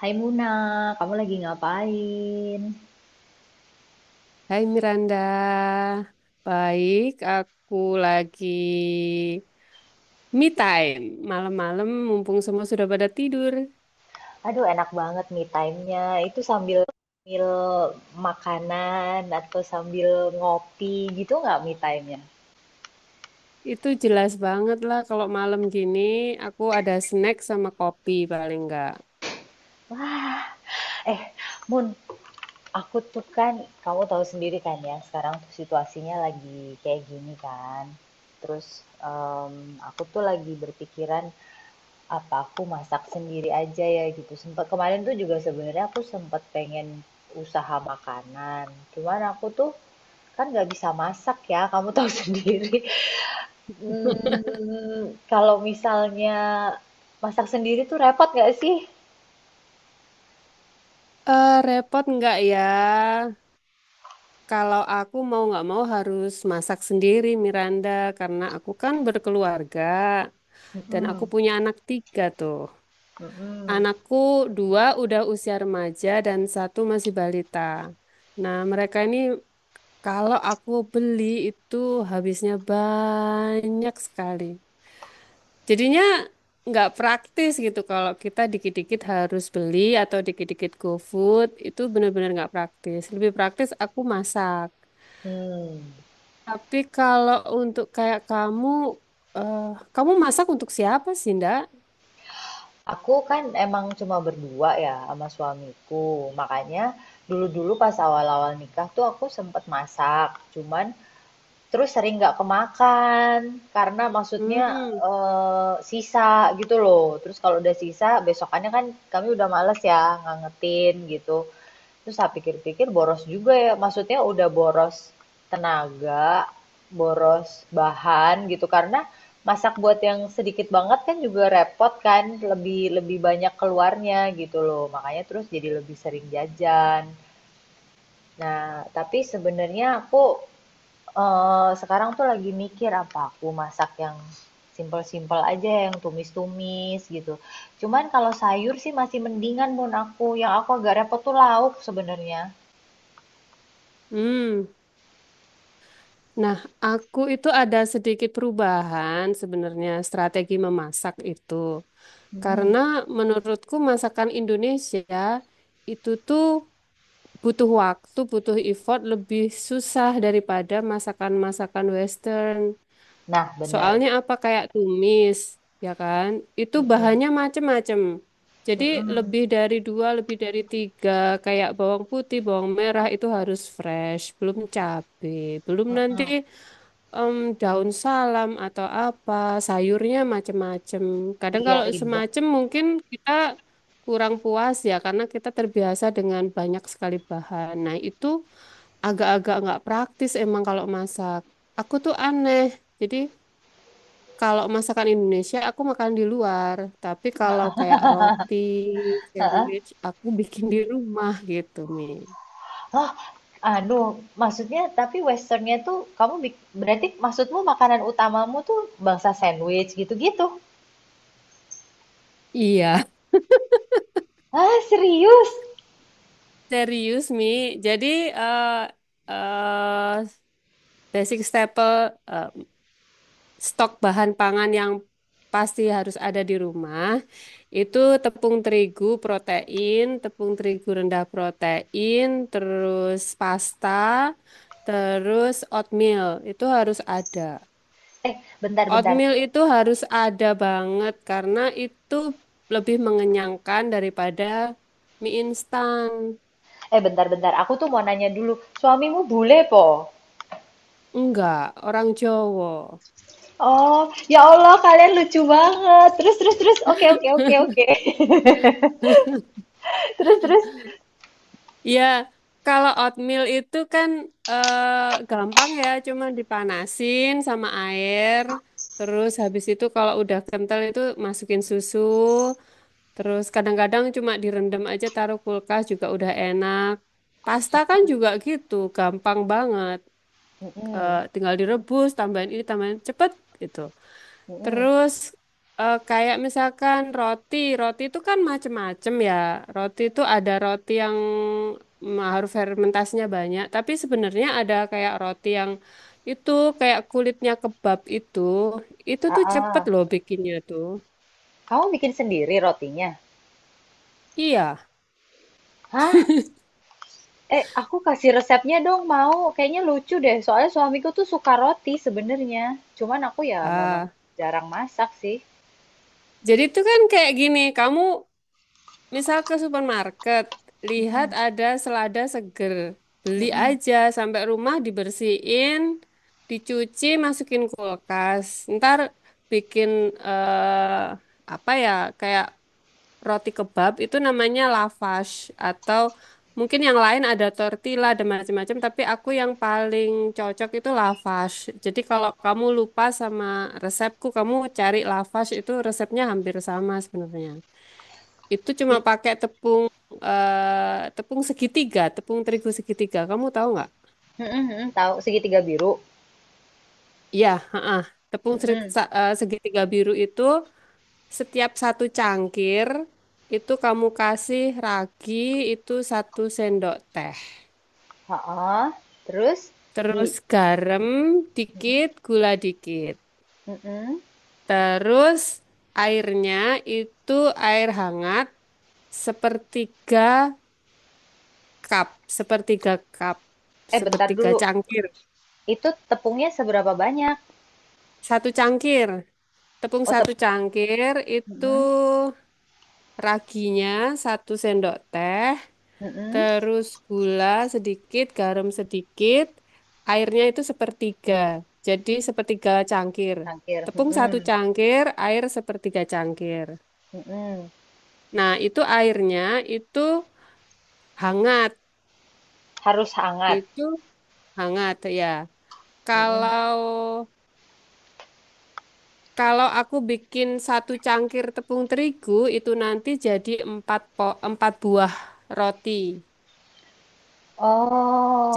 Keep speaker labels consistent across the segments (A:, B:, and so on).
A: Hai Muna, kamu lagi ngapain?
B: Hai Miranda, baik. Aku lagi me time malam-malam, mumpung semua sudah pada tidur.
A: Aduh, enak banget me time-nya. Itu sambil sambil makanan atau sambil ngopi gitu nggak me time-nya?
B: Itu jelas banget lah kalau malam gini aku ada snack sama kopi paling enggak.
A: Wah, eh, Mun, aku tuh kan, kamu tahu sendiri kan ya, sekarang tuh situasinya lagi kayak gini kan. Terus em, aku tuh lagi berpikiran apa aku masak sendiri aja ya gitu. Sempat kemarin tuh juga sebenarnya aku sempat pengen usaha makanan. Cuman aku tuh kan nggak bisa masak ya, kamu tahu sendiri. Hmm, kalau misalnya masak sendiri tuh repot nggak sih?
B: Eh, repot enggak ya? Kalau aku mau nggak mau harus masak sendiri Miranda, karena aku kan berkeluarga dan aku
A: Mm-mm,
B: punya anak tiga tuh.
A: mm-mm,
B: Anakku dua udah usia remaja dan satu masih balita. Nah, mereka ini kalau aku beli itu habisnya banyak sekali. Jadinya nggak praktis gitu kalau kita dikit-dikit harus beli atau dikit-dikit GoFood itu benar-benar nggak praktis. Lebih praktis aku masak.
A: hmm.
B: Tapi kalau untuk kayak kamu, eh, kamu masak untuk siapa sih, Ndak?
A: Aku kan emang cuma berdua ya sama suamiku, makanya dulu-dulu pas awal-awal nikah tuh aku sempet masak, cuman terus sering nggak kemakan karena maksudnya
B: Hmm,
A: sisa gitu loh. Terus kalau udah sisa besokannya kan kami udah males ya ngangetin gitu. Terus saya pikir-pikir boros juga ya. Maksudnya udah boros tenaga, boros bahan gitu karena masak buat yang sedikit banget kan juga repot kan, lebih lebih banyak keluarnya gitu loh. Makanya terus jadi lebih sering jajan. Nah, tapi sebenarnya aku sekarang tuh lagi mikir apa aku masak yang simpel-simpel aja yang tumis-tumis gitu. Cuman kalau sayur sih masih mendingan mun aku. Yang aku agak repot tuh lauk sebenarnya.
B: hmm. Nah, aku itu ada sedikit perubahan sebenarnya strategi memasak itu.
A: Mm.
B: Karena menurutku masakan Indonesia itu tuh butuh waktu, butuh effort lebih susah daripada masakan-masakan Western.
A: Nah, bener.
B: Soalnya apa kayak tumis, ya kan? Itu
A: Mhm,
B: bahannya macem-macem. Jadi
A: mhm,
B: lebih dari dua, lebih dari tiga, kayak bawang putih, bawang merah itu harus fresh, belum cabai, belum nanti
A: mhm.
B: em, daun salam atau apa, sayurnya macem-macem. Kadang
A: Iya,
B: kalau
A: ribet.
B: semacem mungkin kita kurang puas ya karena kita terbiasa dengan banyak sekali bahan. Nah, itu agak-agak nggak praktis emang kalau masak. Aku tuh aneh. Jadi kalau masakan Indonesia aku makan di luar, tapi kalau kayak roti,
A: Heeh.
B: sandwich aku bikin di rumah gitu, Mi.
A: Oh, anu, maksudnya tapi westernnya tuh kamu bik berarti maksudmu makanan utamamu tuh bangsa sandwich gitu-gitu?
B: Iya.
A: Ah, serius?
B: Serius, Mi. Jadi eh eh, basic staple, eh, stok bahan pangan yang pasti harus ada di rumah, itu tepung terigu protein, tepung terigu rendah protein, terus pasta, terus oatmeal, itu harus ada.
A: Eh, bentar, bentar.
B: Oatmeal itu harus ada banget karena itu lebih mengenyangkan daripada mie instan.
A: Eh, bentar, bentar. Aku tuh mau nanya dulu. Suamimu bule, po?
B: Enggak, orang Jawa.
A: Oh, ya Allah, kalian lucu banget. Terus, terus, terus. Oke, oke, oke, oke. Terus, terus.
B: Iya, kalau oatmeal itu kan gampang ya, cuma dipanasin sama air. Terus habis itu kalau udah kental itu masukin susu. Terus kadang-kadang cuma direndam aja taruh kulkas juga udah enak. Pasta kan juga gitu, gampang banget
A: Mm-mm,
B: tinggal direbus, tambahin ini, tambahin cepet gitu.
A: mm-mm.
B: Terus kayak misalkan roti, roti itu kan macem-macem ya. Roti itu ada roti yang harus fermentasinya banyak, tapi sebenarnya ada kayak roti yang itu kayak kulitnya kebab itu
A: Ah,
B: tuh cepet
A: ah.
B: loh bikinnya tuh.
A: Kamu bikin sendiri rotinya?
B: Iya.
A: Hah? Eh, aku kasih resepnya dong, mau. Kayaknya lucu deh. Soalnya suamiku tuh suka roti sebenarnya. Cuman aku ya memang
B: Ah,
A: jarang masak sih.
B: jadi itu kan kayak gini, kamu misal ke supermarket, lihat
A: Mm-mm,
B: ada selada seger. Beli
A: mm-mm.
B: aja, sampai rumah dibersihin, dicuci, masukin kulkas. Ntar bikin eh, apa ya, kayak roti kebab itu namanya lavash atau mungkin yang lain ada tortilla dan macam-macam, tapi aku yang paling cocok itu lavash. Jadi kalau kamu lupa sama resepku, kamu cari lavash itu resepnya hampir sama sebenarnya. Itu cuma
A: It-
B: pakai tepung tepung segitiga, tepung terigu segitiga. Kamu tahu nggak?
A: mm-mm, mm-mm, tahu segitiga biru.
B: Ya, heeh. Tepung
A: Mm-mm.
B: segitiga biru itu setiap satu cangkir itu kamu kasih ragi itu satu sendok teh.
A: Ha-ah. Terus di
B: Terus garam dikit, gula dikit.
A: Mm-mm.
B: Terus airnya itu air hangat sepertiga cup, sepertiga cup,
A: Eh, bentar
B: sepertiga
A: dulu.
B: cangkir.
A: Itu tepungnya seberapa banyak?
B: Satu cangkir. Tepung
A: Oh, tep
B: satu cangkir itu
A: Mm-mm,
B: raginya satu sendok teh,
A: mm-mm.
B: terus gula sedikit, garam sedikit, airnya itu sepertiga. Jadi sepertiga cangkir.
A: Cangkir.
B: Tepung satu
A: Mm-mm,
B: cangkir, air sepertiga cangkir.
A: mm-mm.
B: Nah, itu airnya itu hangat,
A: Harus hangat.
B: itu hangat ya.
A: Mm-mm.
B: Kalau Kalau aku bikin satu cangkir tepung terigu itu nanti jadi empat buah roti.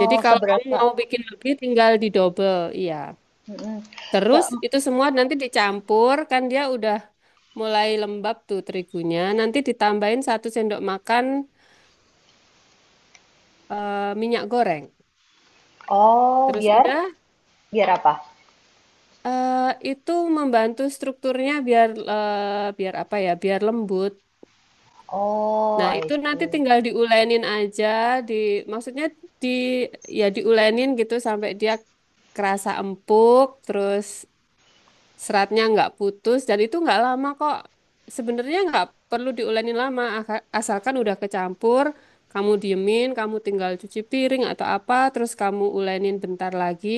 B: Jadi kalau kamu
A: seberapa?
B: mau bikin lagi tinggal didobel, iya.
A: Mm-mm.
B: Terus
A: Se-
B: itu semua nanti dicampur kan dia udah mulai lembab tuh terigunya. Nanti ditambahin satu sendok makan minyak goreng.
A: oh,
B: Terus
A: biar
B: udah
A: Biar apa?
B: eh, itu membantu strukturnya biar biar apa ya? Biar lembut.
A: Oh,
B: Nah,
A: I
B: itu nanti
A: see.
B: tinggal diulenin aja di maksudnya di ya diulenin gitu sampai dia kerasa empuk terus seratnya nggak putus dan itu nggak lama kok. Sebenarnya nggak perlu diuleni lama asalkan udah kecampur, kamu diemin, kamu tinggal cuci piring atau apa, terus kamu ulenin bentar lagi.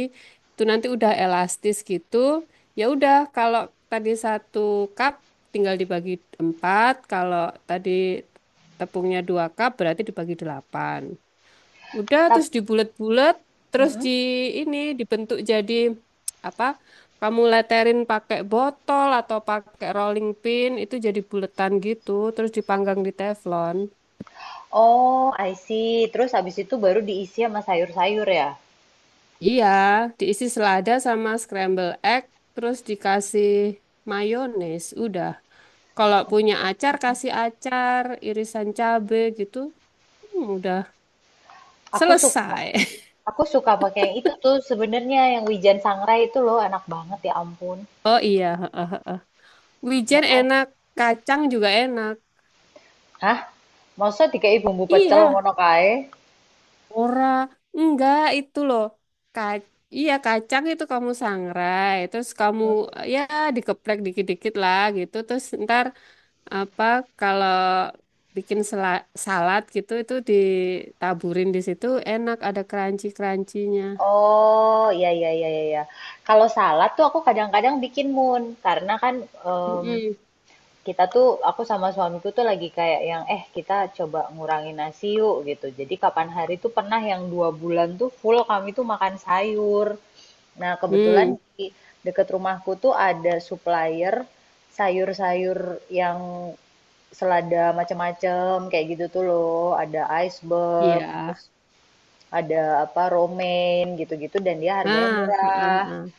B: Itu nanti udah elastis gitu. Ya udah kalau tadi satu cup tinggal dibagi empat, kalau tadi tepungnya dua cup berarti dibagi delapan. Udah
A: Tap,
B: terus dibulet-bulet, terus
A: mm-mm.
B: di ini dibentuk jadi apa? Kamu leterin pakai botol atau pakai rolling pin itu jadi buletan gitu, terus dipanggang di teflon.
A: Oh, I see. Terus habis itu baru diisi sama sayur-sayur ya.
B: Iya, diisi selada sama scramble egg, terus dikasih mayones. Udah. Kalau punya acar kasih acar, irisan cabe gitu. Udah
A: Aku suka,
B: selesai.
A: aku suka pakai yang itu tuh sebenarnya yang wijen sangrai itu loh, enak banget ya ampun,
B: Oh iya, heeh, heeh.
A: ya
B: Wijen
A: kan?
B: enak, kacang juga enak.
A: Hah? Masa dikai bumbu pecel
B: Iya.
A: ngono kae?
B: Ora, enggak itu loh. Ka iya kacang itu kamu sangrai, terus kamu
A: Hmm.
B: ya dikeprek dikit-dikit lah gitu. Terus ntar apa kalau bikin salad gitu itu ditaburin di situ enak ada crunchy-crunchy-nya.
A: Oh, iya, iya, iya, iya, iya. Kalau salad tuh aku kadang-kadang bikin mun karena kan
B: Mm-mm.
A: kita tuh aku sama suamiku tuh lagi kayak yang kita coba ngurangin nasi yuk gitu. Jadi kapan hari tuh pernah yang dua bulan tuh full kami tuh makan sayur. Nah, kebetulan
B: Hmm,
A: di deket rumahku tuh ada supplier sayur-sayur yang selada macam-macam kayak gitu tuh loh. Ada iceberg,
B: iya.
A: terus ada apa romaine gitu-gitu dan dia harganya
B: Ah, ah, ah,
A: murah.
B: ah.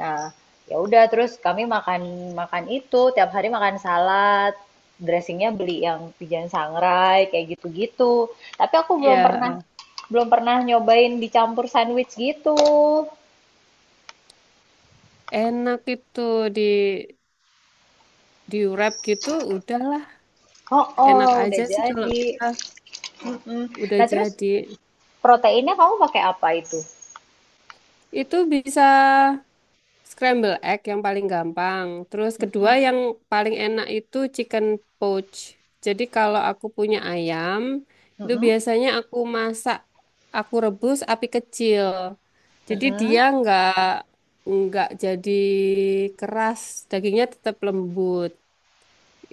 A: Nah, ya udah terus kami makan makan itu tiap hari makan salad, dressingnya beli yang Pigeon Sangrai kayak gitu-gitu. Tapi aku
B: Iya, ah.
A: belum pernah nyobain dicampur sandwich gitu.
B: Enak itu di di wrap gitu udahlah.
A: Oh, oh,
B: Enak
A: udah
B: aja sih kalau
A: jadi.
B: kita
A: Mm-mm.
B: udah
A: Nah, terus
B: jadi.
A: proteinnya kamu pakai apa itu?
B: Itu bisa scramble egg yang paling gampang. Terus kedua
A: Mm-mm.
B: yang paling enak itu chicken poach. Jadi kalau aku punya ayam, itu
A: Mm-mm.
B: biasanya aku masak, aku rebus api kecil. Jadi
A: Mm-mm.
B: dia nggak jadi keras, dagingnya tetap lembut.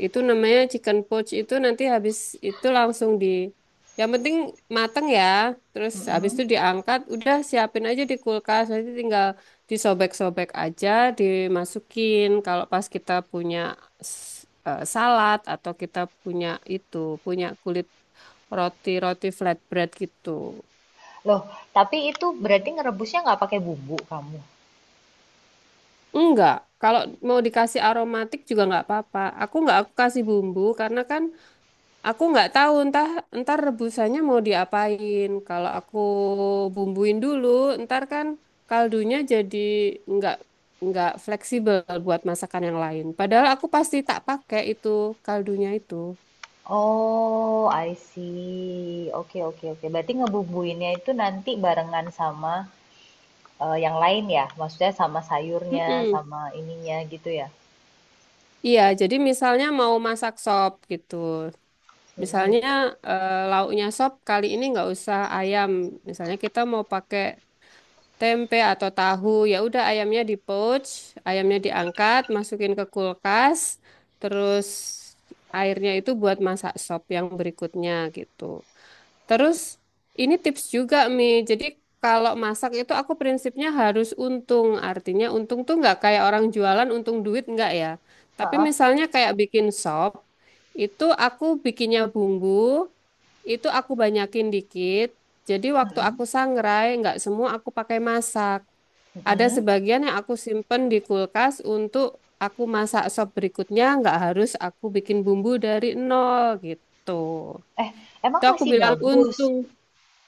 B: Itu namanya chicken poach itu nanti habis itu langsung di yang penting mateng ya. Terus habis
A: Mm-mm.
B: itu diangkat, udah siapin aja di kulkas. Nanti tinggal disobek-sobek aja, dimasukin. Kalau pas kita punya s- salad atau kita punya itu, punya kulit roti-roti flatbread gitu.
A: Loh, tapi itu berarti ngerebusnya nggak pakai bumbu kamu.
B: Enggak, kalau mau dikasih aromatik juga nggak apa-apa. Aku nggak aku kasih bumbu karena kan aku nggak tahu entah entar rebusannya mau diapain. Kalau aku bumbuin dulu, entar kan kaldunya jadi nggak nggak fleksibel buat masakan yang lain. Padahal aku pasti tak pakai itu kaldunya itu.
A: Oh, I see. Oke, oke, oke. Berarti ngebubuinnya itu nanti barengan sama yang lain ya? Maksudnya sama sayurnya,
B: Mm-mm.
A: sama ininya gitu ya?
B: Iya, jadi misalnya mau masak sop gitu.
A: Mm-mm.
B: Misalnya lauknya sop kali ini nggak usah ayam. Misalnya kita mau pakai tempe atau tahu. Ya udah ayamnya di poach, ayamnya diangkat, masukin ke kulkas, terus airnya itu buat masak sop yang berikutnya gitu. Terus ini tips juga Mi. Jadi kalau masak itu aku prinsipnya harus untung. Artinya untung tuh nggak kayak orang jualan untung duit nggak ya. Tapi
A: Ha-ah.
B: misalnya kayak bikin sop, itu aku bikinnya bumbu, itu aku banyakin dikit. Jadi waktu aku
A: Mm-mm.
B: sangrai, nggak semua aku pakai masak. Ada
A: Mm-mm.
B: sebagian yang aku simpen di kulkas untuk aku masak sop berikutnya, nggak harus aku bikin bumbu dari nol gitu.
A: Eh, emang
B: Itu aku
A: masih
B: bilang
A: bagus?
B: untung.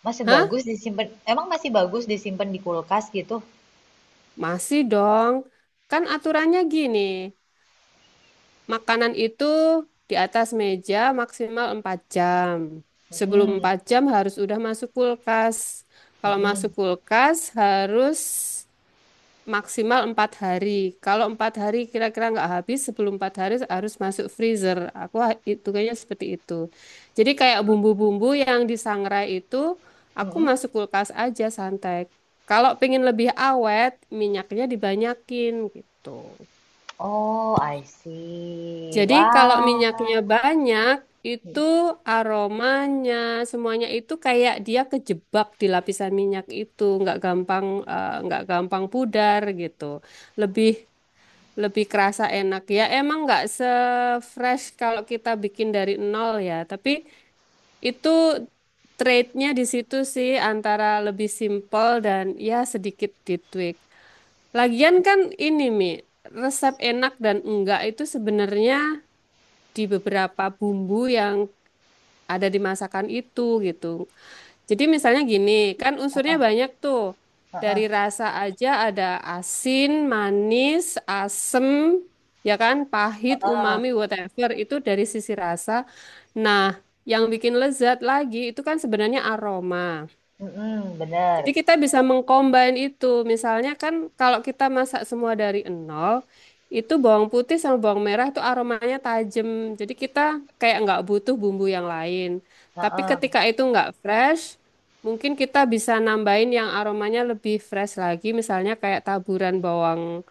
A: Masih
B: Hah?
A: bagus disimpan? Emang masih bagus disimpan di kulkas gitu?
B: Masih dong. Kan aturannya gini, makanan itu di atas meja maksimal 4 jam. Sebelum
A: Mm-mm.
B: 4 jam harus udah masuk kulkas. Kalau masuk
A: Mm-mm.
B: kulkas harus maksimal 4 hari. Kalau 4 hari kira-kira nggak habis, sebelum 4 hari harus masuk freezer. Aku itu kayaknya seperti itu. Jadi kayak bumbu-bumbu yang disangrai itu, aku
A: Mm-mm.
B: masuk kulkas aja santai. Kalau pengen lebih awet, minyaknya dibanyakin gitu.
A: Oh, I see.
B: Jadi kalau
A: Wah.
B: minyaknya banyak, itu aromanya semuanya itu kayak dia kejebak di lapisan minyak itu, nggak gampang pudar gitu. Lebih lebih kerasa enak ya emang nggak se-fresh kalau kita bikin dari nol ya, tapi itu trade-nya di situ sih antara lebih simple dan ya sedikit ditweak. Lagian kan ini Mi, resep enak dan enggak itu sebenarnya di beberapa bumbu yang ada di masakan itu gitu. Jadi misalnya gini, kan unsurnya banyak tuh. Dari
A: Ha-ah.
B: rasa aja ada asin, manis, asem, ya kan, pahit,
A: Ha-ah.
B: umami, whatever. Itu dari sisi rasa. Nah, yang bikin lezat lagi itu kan sebenarnya aroma.
A: Mm-mm. Bener.
B: Jadi kita bisa mengcombine itu. Misalnya kan kalau kita masak semua dari nol, itu bawang putih sama bawang merah itu aromanya tajam. Jadi kita kayak nggak butuh bumbu yang lain. Tapi
A: Ha-ah.
B: ketika itu nggak fresh, mungkin kita bisa nambahin yang aromanya lebih fresh lagi. Misalnya kayak taburan bawang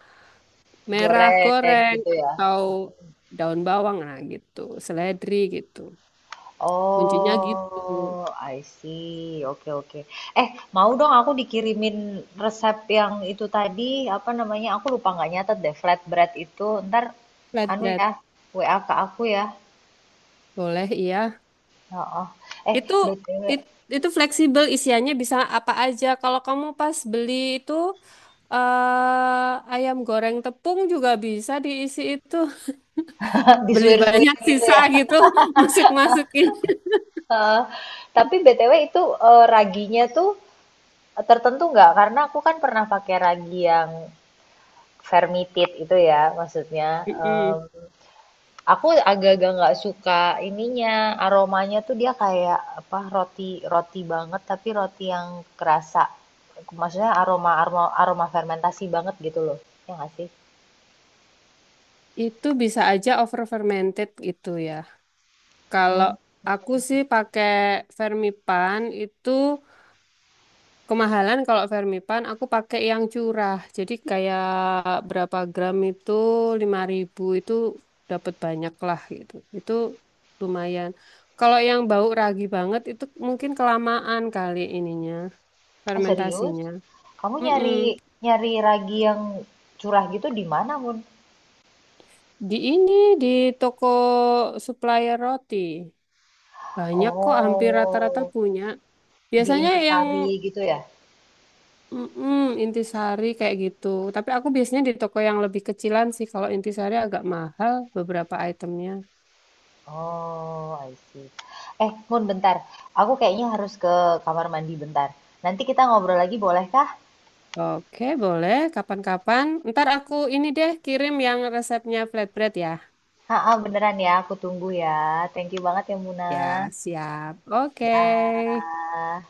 B: merah
A: Goreng
B: goreng
A: gitu ya?
B: atau daun bawang. Nah gitu, seledri gitu. Kuncinya gitu.
A: Oh, I see. Oke, oke. Eh, mau dong aku dikirimin resep yang itu tadi, apa namanya? Aku lupa nggak nyatet deh, flatbread itu. Ntar, anu
B: Flatbread.
A: ya, WA ke aku ya.
B: Boleh, iya.
A: Oh. Eh,
B: Itu
A: BTW,
B: it- itu fleksibel isiannya bisa apa aja. Kalau kamu pas beli itu ayam goreng tepung juga bisa diisi itu. Beli
A: disuir-suir
B: banyak
A: gitu
B: sisa
A: ya.
B: gitu, masuk-masukin.
A: Heeh. Tapi BTW itu raginya tuh tertentu nggak? Karena aku kan pernah pakai ragi yang fermented itu ya, maksudnya.
B: Mm-mm.
A: Aku agak-agak nggak suka ininya, aromanya tuh dia kayak apa roti roti banget tapi roti yang kerasa. Maksudnya aroma aroma aroma fermentasi banget gitu loh. Ya nggak sih?
B: Itu bisa aja over fermented gitu ya. Kalau
A: Hmm.
B: aku sih pakai Fermipan itu. Kemahalan kalau Fermipan aku pakai yang curah. Jadi kayak berapa gram itu 5.000 itu dapat banyak lah gitu. Itu lumayan. Kalau yang bau ragi banget itu mungkin kelamaan kali ininya
A: Ah, serius?
B: fermentasinya.
A: Kamu
B: Mm-mm.
A: nyari nyari ragi yang curah gitu di mana, Mun?
B: Di ini di toko supplier roti banyak kok hampir rata-rata
A: Oh,
B: punya.
A: di
B: Biasanya yang
A: Intisari gitu ya?
B: Mm-mm, intisari kayak gitu. Tapi aku biasanya di toko yang lebih kecilan sih. Kalau intisari agak mahal beberapa itemnya.
A: Oh, I see. Eh, Mun bentar. Aku kayaknya harus ke kamar mandi bentar. Nanti kita ngobrol lagi bolehkah?
B: Oke, boleh. Kapan-kapan. Ntar aku ini deh kirim yang resepnya flatbread ya.
A: Heeh, beneran ya, aku tunggu ya. Thank you banget ya Muna.
B: Ya, siap. Oke.
A: Dah.